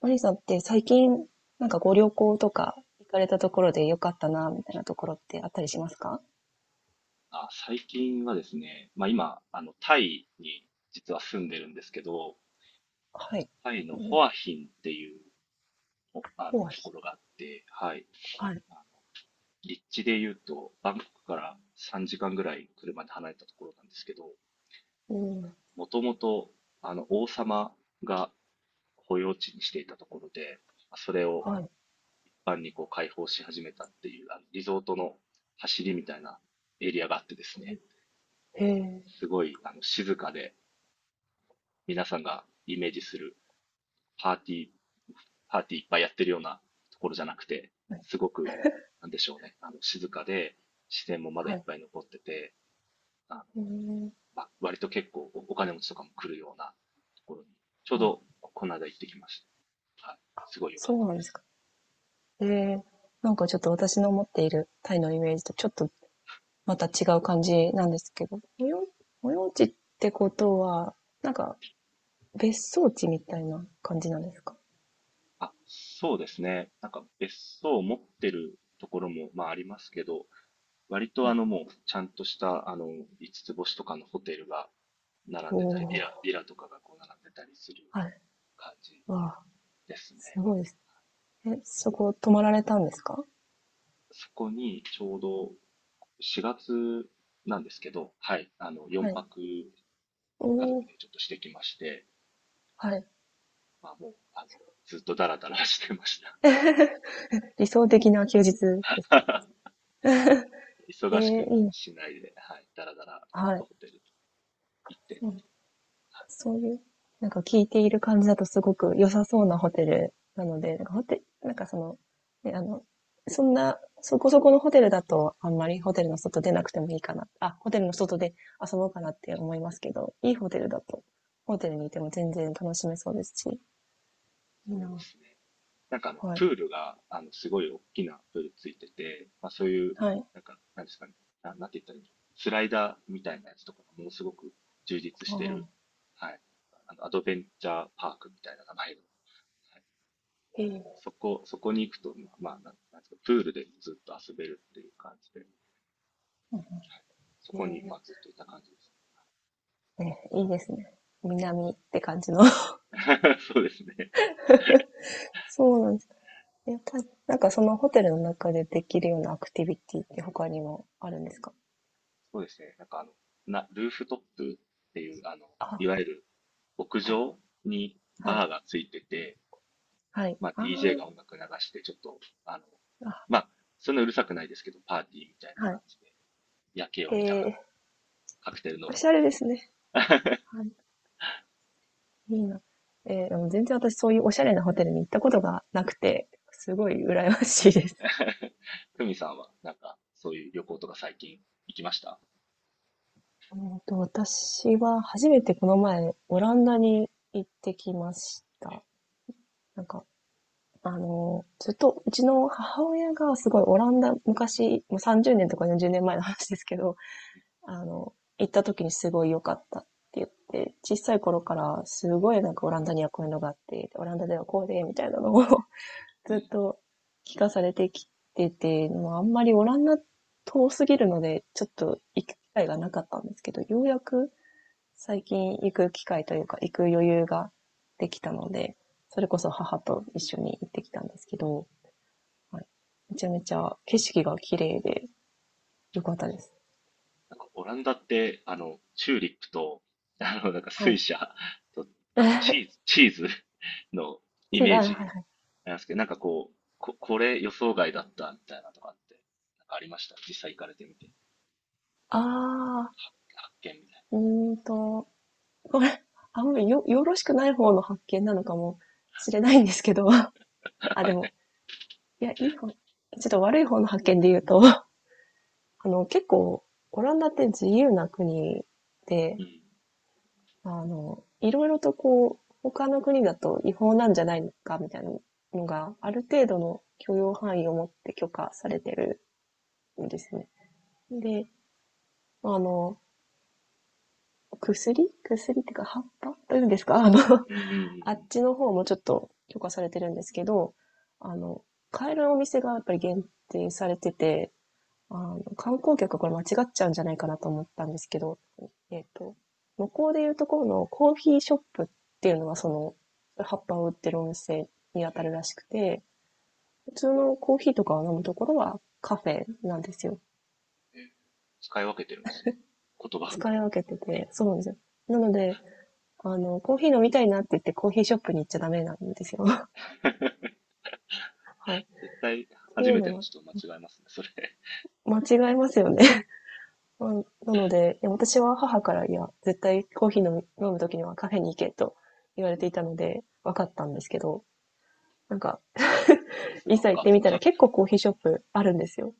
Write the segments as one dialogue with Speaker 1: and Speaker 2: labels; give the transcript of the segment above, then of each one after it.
Speaker 1: マリーさんって最近、なんかご旅行とか行かれたところで良かったな、みたいなところってあったりしますか？
Speaker 2: あ、最近はですね、今、タイに実は住んでるんですけど、
Speaker 1: はい。
Speaker 2: タイのホアヒンっていう、おあ
Speaker 1: ホ
Speaker 2: の、
Speaker 1: ワイ。
Speaker 2: ところがあって、はい。
Speaker 1: はい。
Speaker 2: あの立地で言うと、バンコクから3時間ぐらい車で離れたところなんですけど、
Speaker 1: うん。
Speaker 2: もともと、王様が保養地にしていたところで、まあそれを
Speaker 1: はい。
Speaker 2: 一般にこう開放し始めたっていう、リゾートの走りみたいなエリアがあってですね、
Speaker 1: へえ。
Speaker 2: すごい、静かで、皆さんがイメージするパーティー、パーティーいっぱいやってるようなところじゃなくて、すごく、なんでしょうね、静かで、自然もまだい
Speaker 1: は
Speaker 2: っ
Speaker 1: い。
Speaker 2: ぱい残ってて、あの、
Speaker 1: へー。
Speaker 2: 割と結構お金持ちとかも来るようなところに、ちょう
Speaker 1: あ、
Speaker 2: どこの間行ってきまして、はい、すごい良か
Speaker 1: そ
Speaker 2: った
Speaker 1: う
Speaker 2: で
Speaker 1: なんです
Speaker 2: す。
Speaker 1: か。へえー、なんかちょっと私の持っているタイのイメージとちょっとまた違う感じなんですけど、保養、保養地ってことは、なんか別荘地みたいな感じなんですか？
Speaker 2: あ、そうですね。なんか別荘を持ってるところも、まあありますけど、割
Speaker 1: は
Speaker 2: とあ
Speaker 1: い。
Speaker 2: のもうちゃんとしたあの五つ星とかのホテルが並
Speaker 1: お
Speaker 2: んでたり、ビ
Speaker 1: ー、
Speaker 2: ラ、ビラとかがこう並んでたりする
Speaker 1: はい。
Speaker 2: 感じ
Speaker 1: わあ、
Speaker 2: ですね。
Speaker 1: すごいです。え、そこ泊まられたんですか？
Speaker 2: そこにちょうど4月なんですけど、はい、
Speaker 1: は
Speaker 2: 4
Speaker 1: い。
Speaker 2: 泊家
Speaker 1: お
Speaker 2: 族
Speaker 1: お、
Speaker 2: でちょっとしてきまして、
Speaker 1: はい。
Speaker 2: まあもう、あの、ずっとダラダラしてました。
Speaker 1: 理想的な休日ですね。え
Speaker 2: 忙し
Speaker 1: え、
Speaker 2: く
Speaker 1: いいな。
Speaker 2: しないで、はい、ダラダラ
Speaker 1: は
Speaker 2: と
Speaker 1: い。
Speaker 2: ホテル行って、
Speaker 1: そう、
Speaker 2: はい、
Speaker 1: そういう、なんか聞いている感じだとすごく良さそうなホテルなので、なんかホテなんかその、ね、そんな、そこそこのホテルだと、あんまりホテルの外出なくてもいいかな。あ、ホテルの外で遊ぼうかなって思いますけど、いいホテルだと、ホテルにいても全然楽しめそうですし、いい
Speaker 2: そうで
Speaker 1: な。
Speaker 2: すね。
Speaker 1: はい。
Speaker 2: プールが、すごい大きなプールついてて、まあそういう、
Speaker 1: はい。
Speaker 2: なんか、なんですかね、なんて言ったらいいの、スライダーみたいなやつとかがものすごく充実
Speaker 1: あ
Speaker 2: してる、
Speaker 1: あ、
Speaker 2: はい、アドベンチャーパークみたいな名前の、はい、
Speaker 1: ええ、
Speaker 2: そこに行くと、まあ、なんなんですか、プールでずっと遊べるっていう感じで、はい、
Speaker 1: うん、
Speaker 2: そこに、ま
Speaker 1: え
Speaker 2: あ、ずっといた感じで
Speaker 1: え、ね、いいですね。南って感じの。
Speaker 2: す。そうですね。
Speaker 1: そうなんですか。やっぱ、なんかそのホテルの中でできるようなアクティビティって他にもあるんですか？
Speaker 2: そうですね。ルーフトップっていう、い
Speaker 1: あ、
Speaker 2: わゆる屋
Speaker 1: はい、
Speaker 2: 上に
Speaker 1: は
Speaker 2: バ
Speaker 1: い、
Speaker 2: ーがついてて、
Speaker 1: はい。
Speaker 2: まあ、
Speaker 1: あ
Speaker 2: DJ
Speaker 1: ー。
Speaker 2: が音楽流して、ちょっと、
Speaker 1: あ、
Speaker 2: まあ、そんなうるさくないですけど、パーティーみたいな
Speaker 1: は
Speaker 2: 感
Speaker 1: い。
Speaker 2: じで、夜景を
Speaker 1: え
Speaker 2: 見なが
Speaker 1: ー、
Speaker 2: らカクテル飲
Speaker 1: お
Speaker 2: む
Speaker 1: し
Speaker 2: み
Speaker 1: ゃれ
Speaker 2: たい
Speaker 1: ですね。
Speaker 2: な。
Speaker 1: はい、いいな。えー、でも全然私そういうおしゃれなホテルに行ったことがなくて、すごい羨ましいです。
Speaker 2: ふみさんは、なんか、そういう旅行とか最近行きました？
Speaker 1: えーと、私は初めてこの前、オランダに行ってきまし
Speaker 2: え、
Speaker 1: た。なんか、ずっとうちの母親がすごいオランダ、昔、もう30年とか40年前の話ですけど、行った時にすごい良かったって言って、小さい頃からすごいなんかオランダにはこういうのがあって、オランダではこうで、みたいなのを
Speaker 2: う
Speaker 1: ずっ
Speaker 2: ん、
Speaker 1: と聞かされてきて、もうあんまりオランダ遠すぎるので、ちょっと行く機会がなかったんですけど、ようやく最近行く機会というか、行く余裕ができたので、それこそ母と一緒に行ってきたんですけど、はい。めちゃめちゃ景色が綺麗で良かったです。
Speaker 2: なんかオランダって、チューリップと、なんか
Speaker 1: は
Speaker 2: 水
Speaker 1: い。
Speaker 2: 車と、あとチー ズ、チーズ のイ
Speaker 1: 違う、
Speaker 2: メー
Speaker 1: は
Speaker 2: ジ
Speaker 1: い。
Speaker 2: なんですけど、なんかこう、これ予想外だったみたいなとかって、なんかありました。実際行かれてみて、
Speaker 1: あ
Speaker 2: 発見みたい
Speaker 1: ー、うーんと、これ、あんまりよろしくない方の発見なのかもしれないんですけど、あ、でも、いや、いい方、ちょっと悪い方の発見で言うと、結構、オランダって自由な国で、
Speaker 2: な。うん。
Speaker 1: いろいろとこう、他の国だと違法なんじゃないのか、みたいなのが、
Speaker 2: う
Speaker 1: あ
Speaker 2: ん。
Speaker 1: る程度の許容範囲を持って許可されてるんですね。で、あの、薬っていうか葉っぱというんですか
Speaker 2: うんうんうんう
Speaker 1: あっ
Speaker 2: ん。
Speaker 1: ちの方もちょっと許可されてるんですけど、あの、買えるお店がやっぱり限定されてて、観光客はこれ間違っちゃうんじゃないかなと思ったんですけど、えっと、向こうでいうところのコーヒーショップっていうのはその、葉っぱを売ってるお店に当たる
Speaker 2: え
Speaker 1: らしくて、普通のコーヒーとかを飲むところはカフェなんですよ。
Speaker 2: ー、えー、使い分けてるんですね。言葉。
Speaker 1: 使い分けてて、そうなんですよ。なので、コーヒー飲みたいなって言ってコーヒーショップに行っちゃダメなんですよ。はい。っ
Speaker 2: 絶対
Speaker 1: て
Speaker 2: 初
Speaker 1: いう
Speaker 2: めて
Speaker 1: の
Speaker 2: の
Speaker 1: は
Speaker 2: 人間違えますね。それ。
Speaker 1: 間違えますよね。まあなので、いや私は母から、いや、絶対コーヒー飲む時にはカフェに行けと言われていたので、分かったんですけど、なんか、
Speaker 2: さす
Speaker 1: い
Speaker 2: がお
Speaker 1: ざ行っ
Speaker 2: 母
Speaker 1: てみた
Speaker 2: さ
Speaker 1: ら
Speaker 2: ん。
Speaker 1: 結構コーヒーショップあるんですよ。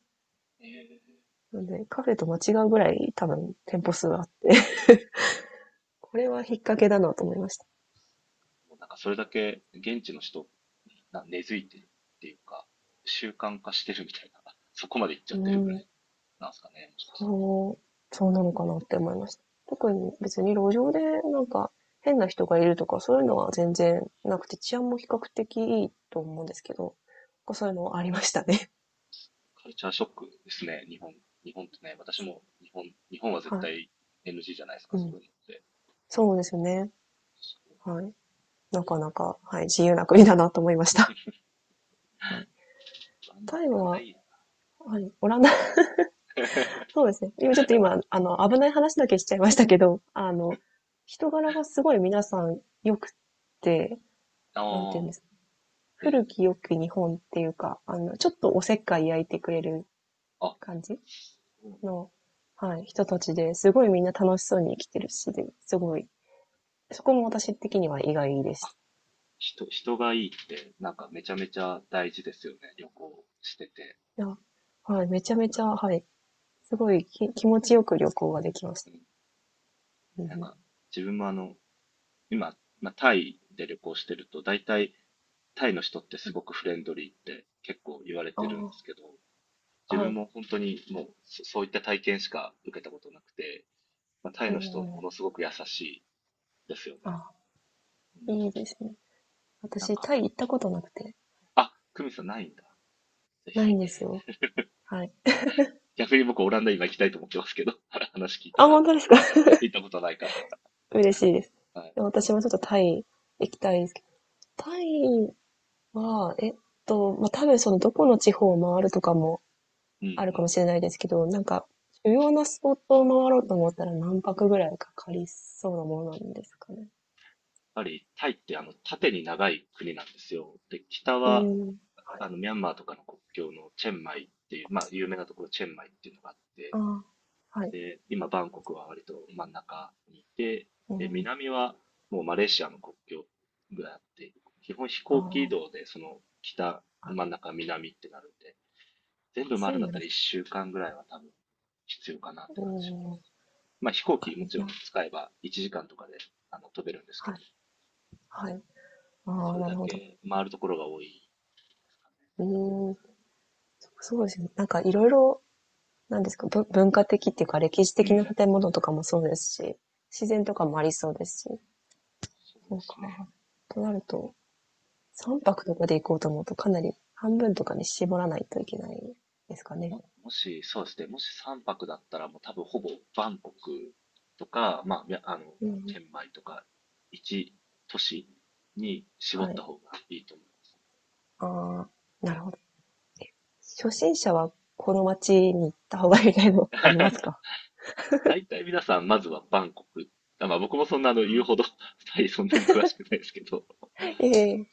Speaker 2: えー、
Speaker 1: なので、カフェと間違うぐらい多分店舗数あって、これは引っ掛けだなと思いました。
Speaker 2: なんかそれだけ現地の人に根付いてるっていうか、習慣化してるみたいな、そこまで行っちゃ
Speaker 1: う
Speaker 2: ってるぐら
Speaker 1: ん。
Speaker 2: いなんですかね、もしかしたら。
Speaker 1: そうなのかなって思いました。特に別に路上でなんか変な人がいるとかそういうのは全然なくて治安も比較的いいと思うんですけど、そういうのはありましたね。
Speaker 2: カルチャーショックですね、日本。日本ってね、私も日本、日本は絶
Speaker 1: はい。
Speaker 2: 対 NG じゃないですか、
Speaker 1: う
Speaker 2: そ
Speaker 1: ん。
Speaker 2: ういうのって。
Speaker 1: そうですね。
Speaker 2: すごいな。
Speaker 1: はい。なかなか、はい、自由な国だなと思いました。はい。タイ
Speaker 2: オランダ
Speaker 1: は、
Speaker 2: いいな。
Speaker 1: はい、オランダ、そうですね。今ちょっと今、危ない話だけしちゃいましたけど、人柄がすごい皆さん良くて、なんてい
Speaker 2: あ
Speaker 1: うん
Speaker 2: あ、
Speaker 1: ですかね、
Speaker 2: え
Speaker 1: 古
Speaker 2: ー、
Speaker 1: き良き日本っていうか、ちょっとおせっかい焼いてくれる
Speaker 2: あ、
Speaker 1: 感じ
Speaker 2: そうなんだ。
Speaker 1: の、はい、人たちですごいみんな楽しそうに生きてるし、で、すごい、そこも私的には意外でし
Speaker 2: あ、
Speaker 1: た。
Speaker 2: 人、人がいいって、なんかめちゃめちゃ大事ですよね、旅行してて。
Speaker 1: いや、はい、めちゃめ
Speaker 2: な
Speaker 1: ち
Speaker 2: ん
Speaker 1: ゃ、
Speaker 2: か、
Speaker 1: はい、すごい気持ちよく旅行ができました。
Speaker 2: うん、
Speaker 1: う
Speaker 2: なん
Speaker 1: ん。
Speaker 2: か自分も今、まあ、タイで旅行してると、大体タイの人ってすごくフレンドリーって結構言われてるんです
Speaker 1: あ
Speaker 2: けど、
Speaker 1: あ、
Speaker 2: 自
Speaker 1: は
Speaker 2: 分
Speaker 1: い、
Speaker 2: も本当にもうそういった体験しか受けたことなくて、まあ、タイ
Speaker 1: う
Speaker 2: の人
Speaker 1: んう
Speaker 2: も
Speaker 1: ん、
Speaker 2: のすごく優しいですよね。
Speaker 1: あ、
Speaker 2: うん、
Speaker 1: いいですね。
Speaker 2: なん
Speaker 1: 私、
Speaker 2: か、
Speaker 1: タイ行ったことなくて、
Speaker 2: あ、クミさんないんだ。ぜ
Speaker 1: ないん
Speaker 2: ひ。
Speaker 1: ですよ。はい。
Speaker 2: 逆に僕オランダ今行きたいと思ってますけど、話聞いた
Speaker 1: あ、
Speaker 2: ら
Speaker 1: 本当ですか？
Speaker 2: 行ったことないか
Speaker 1: 嬉しいです。
Speaker 2: ら。はい。
Speaker 1: でも私もちょっとタイ行きたいですけど、タイは、えっと、まあ、多分そのどこの地方を回るとかも
Speaker 2: うんう
Speaker 1: あるかも
Speaker 2: ん。
Speaker 1: しれないですけど、なんか、主要なスポットを回ろうと思ったら何泊ぐらいかかりそうなものなんですかね？
Speaker 2: ぱりタイって縦に長い国なんですよ。で、北
Speaker 1: う
Speaker 2: は
Speaker 1: ん、はい。
Speaker 2: ミャンマーとかの国境のチェンマイっていう、まあ有名なところ、チェンマイっていうのがあって、
Speaker 1: ああ、はい。
Speaker 2: で、今バンコクは割と真ん中にいて、
Speaker 1: う
Speaker 2: で、
Speaker 1: ん、
Speaker 2: 南はもうマレーシアの国境ぐらいあって、基本飛
Speaker 1: あ
Speaker 2: 行機移
Speaker 1: あ、
Speaker 2: 動でその北、真ん中、南ってなるんで、全部回
Speaker 1: そ
Speaker 2: る
Speaker 1: う
Speaker 2: んだっ
Speaker 1: なん
Speaker 2: た
Speaker 1: で
Speaker 2: ら
Speaker 1: す。
Speaker 2: 1週間ぐらいは多分必要かなっ
Speaker 1: う
Speaker 2: て感じします。
Speaker 1: ん、わ
Speaker 2: まあ飛行
Speaker 1: か
Speaker 2: 機も
Speaker 1: りまし
Speaker 2: ちろん
Speaker 1: た。
Speaker 2: 使えば1時間とかで飛べるんですけ
Speaker 1: は
Speaker 2: ど、
Speaker 1: い、はい。あ
Speaker 2: そ
Speaker 1: あ、
Speaker 2: れ
Speaker 1: なる
Speaker 2: だ
Speaker 1: ほど。
Speaker 2: け回るところが多い。
Speaker 1: うん、そうですね。なんか色々、なんですか、文化的っていうか歴史
Speaker 2: う
Speaker 1: 的な
Speaker 2: ん。
Speaker 1: 建物とかもそうですし、自然とかもありそうですし、
Speaker 2: そう
Speaker 1: そ
Speaker 2: で
Speaker 1: う
Speaker 2: すね。
Speaker 1: か。となると三泊とかで行こうと思うとかなり半分とかに絞らないといけないですかね。
Speaker 2: もし3泊だったら、もう多分ほぼバンコクとか、まあ、
Speaker 1: うん。
Speaker 2: チェンマイとか、一都市に絞
Speaker 1: は
Speaker 2: った
Speaker 1: い。
Speaker 2: 方がいいと思い
Speaker 1: ああ、なるほど。初心者はこの街に行った方がいいみたい
Speaker 2: ますね。
Speaker 1: なのってあります か？
Speaker 2: 大体皆さん、まずはバンコク。まあ僕もそんな言うほど、タイそんなに詳しくないですけど、
Speaker 1: ええー。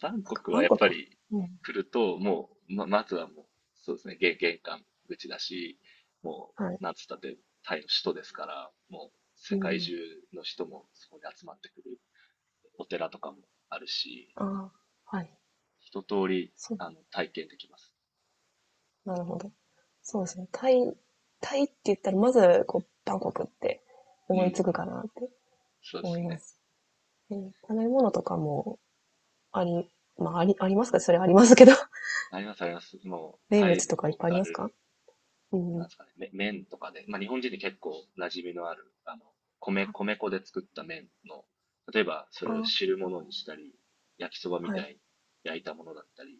Speaker 2: バン
Speaker 1: なん
Speaker 2: コ
Speaker 1: か
Speaker 2: ク
Speaker 1: バ
Speaker 2: は
Speaker 1: ン
Speaker 2: やっ
Speaker 1: コ
Speaker 2: ぱ
Speaker 1: クは、
Speaker 2: り
Speaker 1: うん。
Speaker 2: 来ると、もう、ま、まずはもう、そうですね、玄関口だし、も
Speaker 1: はい。
Speaker 2: う、なんつったって、タイの首都ですから、もう、世
Speaker 1: う
Speaker 2: 界中
Speaker 1: ん。
Speaker 2: の人もそこに集まってくる。お寺とかもあるし、
Speaker 1: あ
Speaker 2: うん、
Speaker 1: あ、はい。
Speaker 2: 一通り、
Speaker 1: そう。
Speaker 2: 体験できます。
Speaker 1: なるほど。そうですね。タイって言ったら、まず、こう、バンコクって
Speaker 2: うん、う
Speaker 1: 思いつく
Speaker 2: ん、
Speaker 1: かなって
Speaker 2: そうで
Speaker 1: 思
Speaker 2: す
Speaker 1: いま
Speaker 2: ね。
Speaker 1: す。うん。食べ物とかもあり、まあ、あり、ありますか、それありますけど。
Speaker 2: あります、あります。もう、
Speaker 1: 名
Speaker 2: タイ
Speaker 1: 物
Speaker 2: の
Speaker 1: とかいっ
Speaker 2: ロ
Speaker 1: ぱ
Speaker 2: ー
Speaker 1: いあり
Speaker 2: カ
Speaker 1: ますか？
Speaker 2: ル
Speaker 1: う
Speaker 2: なんで
Speaker 1: ん。
Speaker 2: すかね、麺とかで、まあ、日本人に結構馴染みのある、米粉で作った麺の、例えばそれを
Speaker 1: あ
Speaker 2: 汁物にしたり、焼きそば
Speaker 1: あ、
Speaker 2: み
Speaker 1: は
Speaker 2: た
Speaker 1: い。
Speaker 2: いに焼いたものだったり、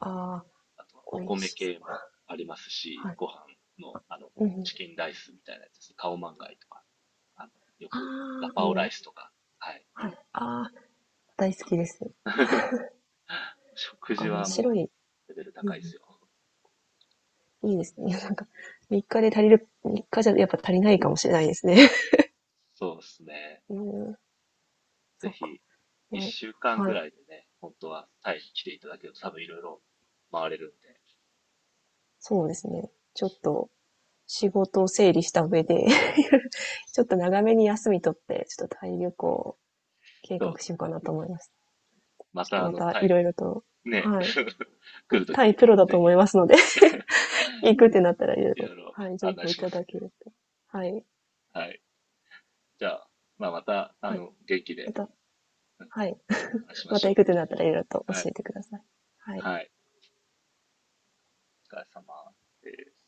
Speaker 1: ああ、
Speaker 2: あとはお
Speaker 1: 美味
Speaker 2: 米
Speaker 1: しそう。
Speaker 2: 系もありますし、
Speaker 1: はい。
Speaker 2: ご飯の、
Speaker 1: うん。
Speaker 2: チキンライスみたいなやつですね、カオマンガイとか、あの、よ
Speaker 1: あ
Speaker 2: くガ
Speaker 1: あ、
Speaker 2: パオライスとか、はい、
Speaker 1: は
Speaker 2: いう
Speaker 1: い。ああ、大
Speaker 2: やつと
Speaker 1: 好
Speaker 2: か。
Speaker 1: きです。な
Speaker 2: 食
Speaker 1: んか
Speaker 2: 事
Speaker 1: あの
Speaker 2: は
Speaker 1: 白
Speaker 2: も
Speaker 1: い、
Speaker 2: うレベル
Speaker 1: う
Speaker 2: 高いで
Speaker 1: ん、
Speaker 2: すよ。
Speaker 1: いいですね。いやなんか、3日で足りる、3日じゃやっぱ足りないかもしれないですね。
Speaker 2: そうですね。
Speaker 1: うーん、
Speaker 2: ぜ
Speaker 1: そうか。
Speaker 2: ひ、
Speaker 1: ね、
Speaker 2: 一週間ぐ
Speaker 1: はい、
Speaker 2: らいでね、本当はタイに来ていただけると多分いろいろ回れるんで、
Speaker 1: そうですね。ちょっと仕事を整理した上で ちょっと長めに休み取って、ちょっとタイ旅行を計
Speaker 2: そう、
Speaker 1: 画しようかなと思います。
Speaker 2: ま
Speaker 1: ちょっと
Speaker 2: たあ
Speaker 1: ま
Speaker 2: の、
Speaker 1: た
Speaker 2: タ
Speaker 1: い
Speaker 2: イ、
Speaker 1: ろいろと、
Speaker 2: ね、
Speaker 1: はい。
Speaker 2: 来ると
Speaker 1: 単位
Speaker 2: き、
Speaker 1: プロだと
Speaker 2: ぜ
Speaker 1: 思
Speaker 2: ひ、
Speaker 1: いますので、行くってなったらいろい
Speaker 2: い
Speaker 1: ろ、
Speaker 2: ろいろ
Speaker 1: はい、情
Speaker 2: 案内
Speaker 1: 報い
Speaker 2: しま
Speaker 1: た
Speaker 2: す
Speaker 1: だ
Speaker 2: ん
Speaker 1: け
Speaker 2: で。
Speaker 1: ると。はい。
Speaker 2: はい。じゃあ、まあ、また、あ
Speaker 1: はい。
Speaker 2: の、元気
Speaker 1: ま
Speaker 2: で、
Speaker 1: た、
Speaker 2: うん、
Speaker 1: はい。
Speaker 2: 話しま
Speaker 1: ま
Speaker 2: し
Speaker 1: た行
Speaker 2: ょ
Speaker 1: くってなったらいろいろと
Speaker 2: う。
Speaker 1: 教
Speaker 2: はい。
Speaker 1: えてください。はい。
Speaker 2: はい。お疲れ様です。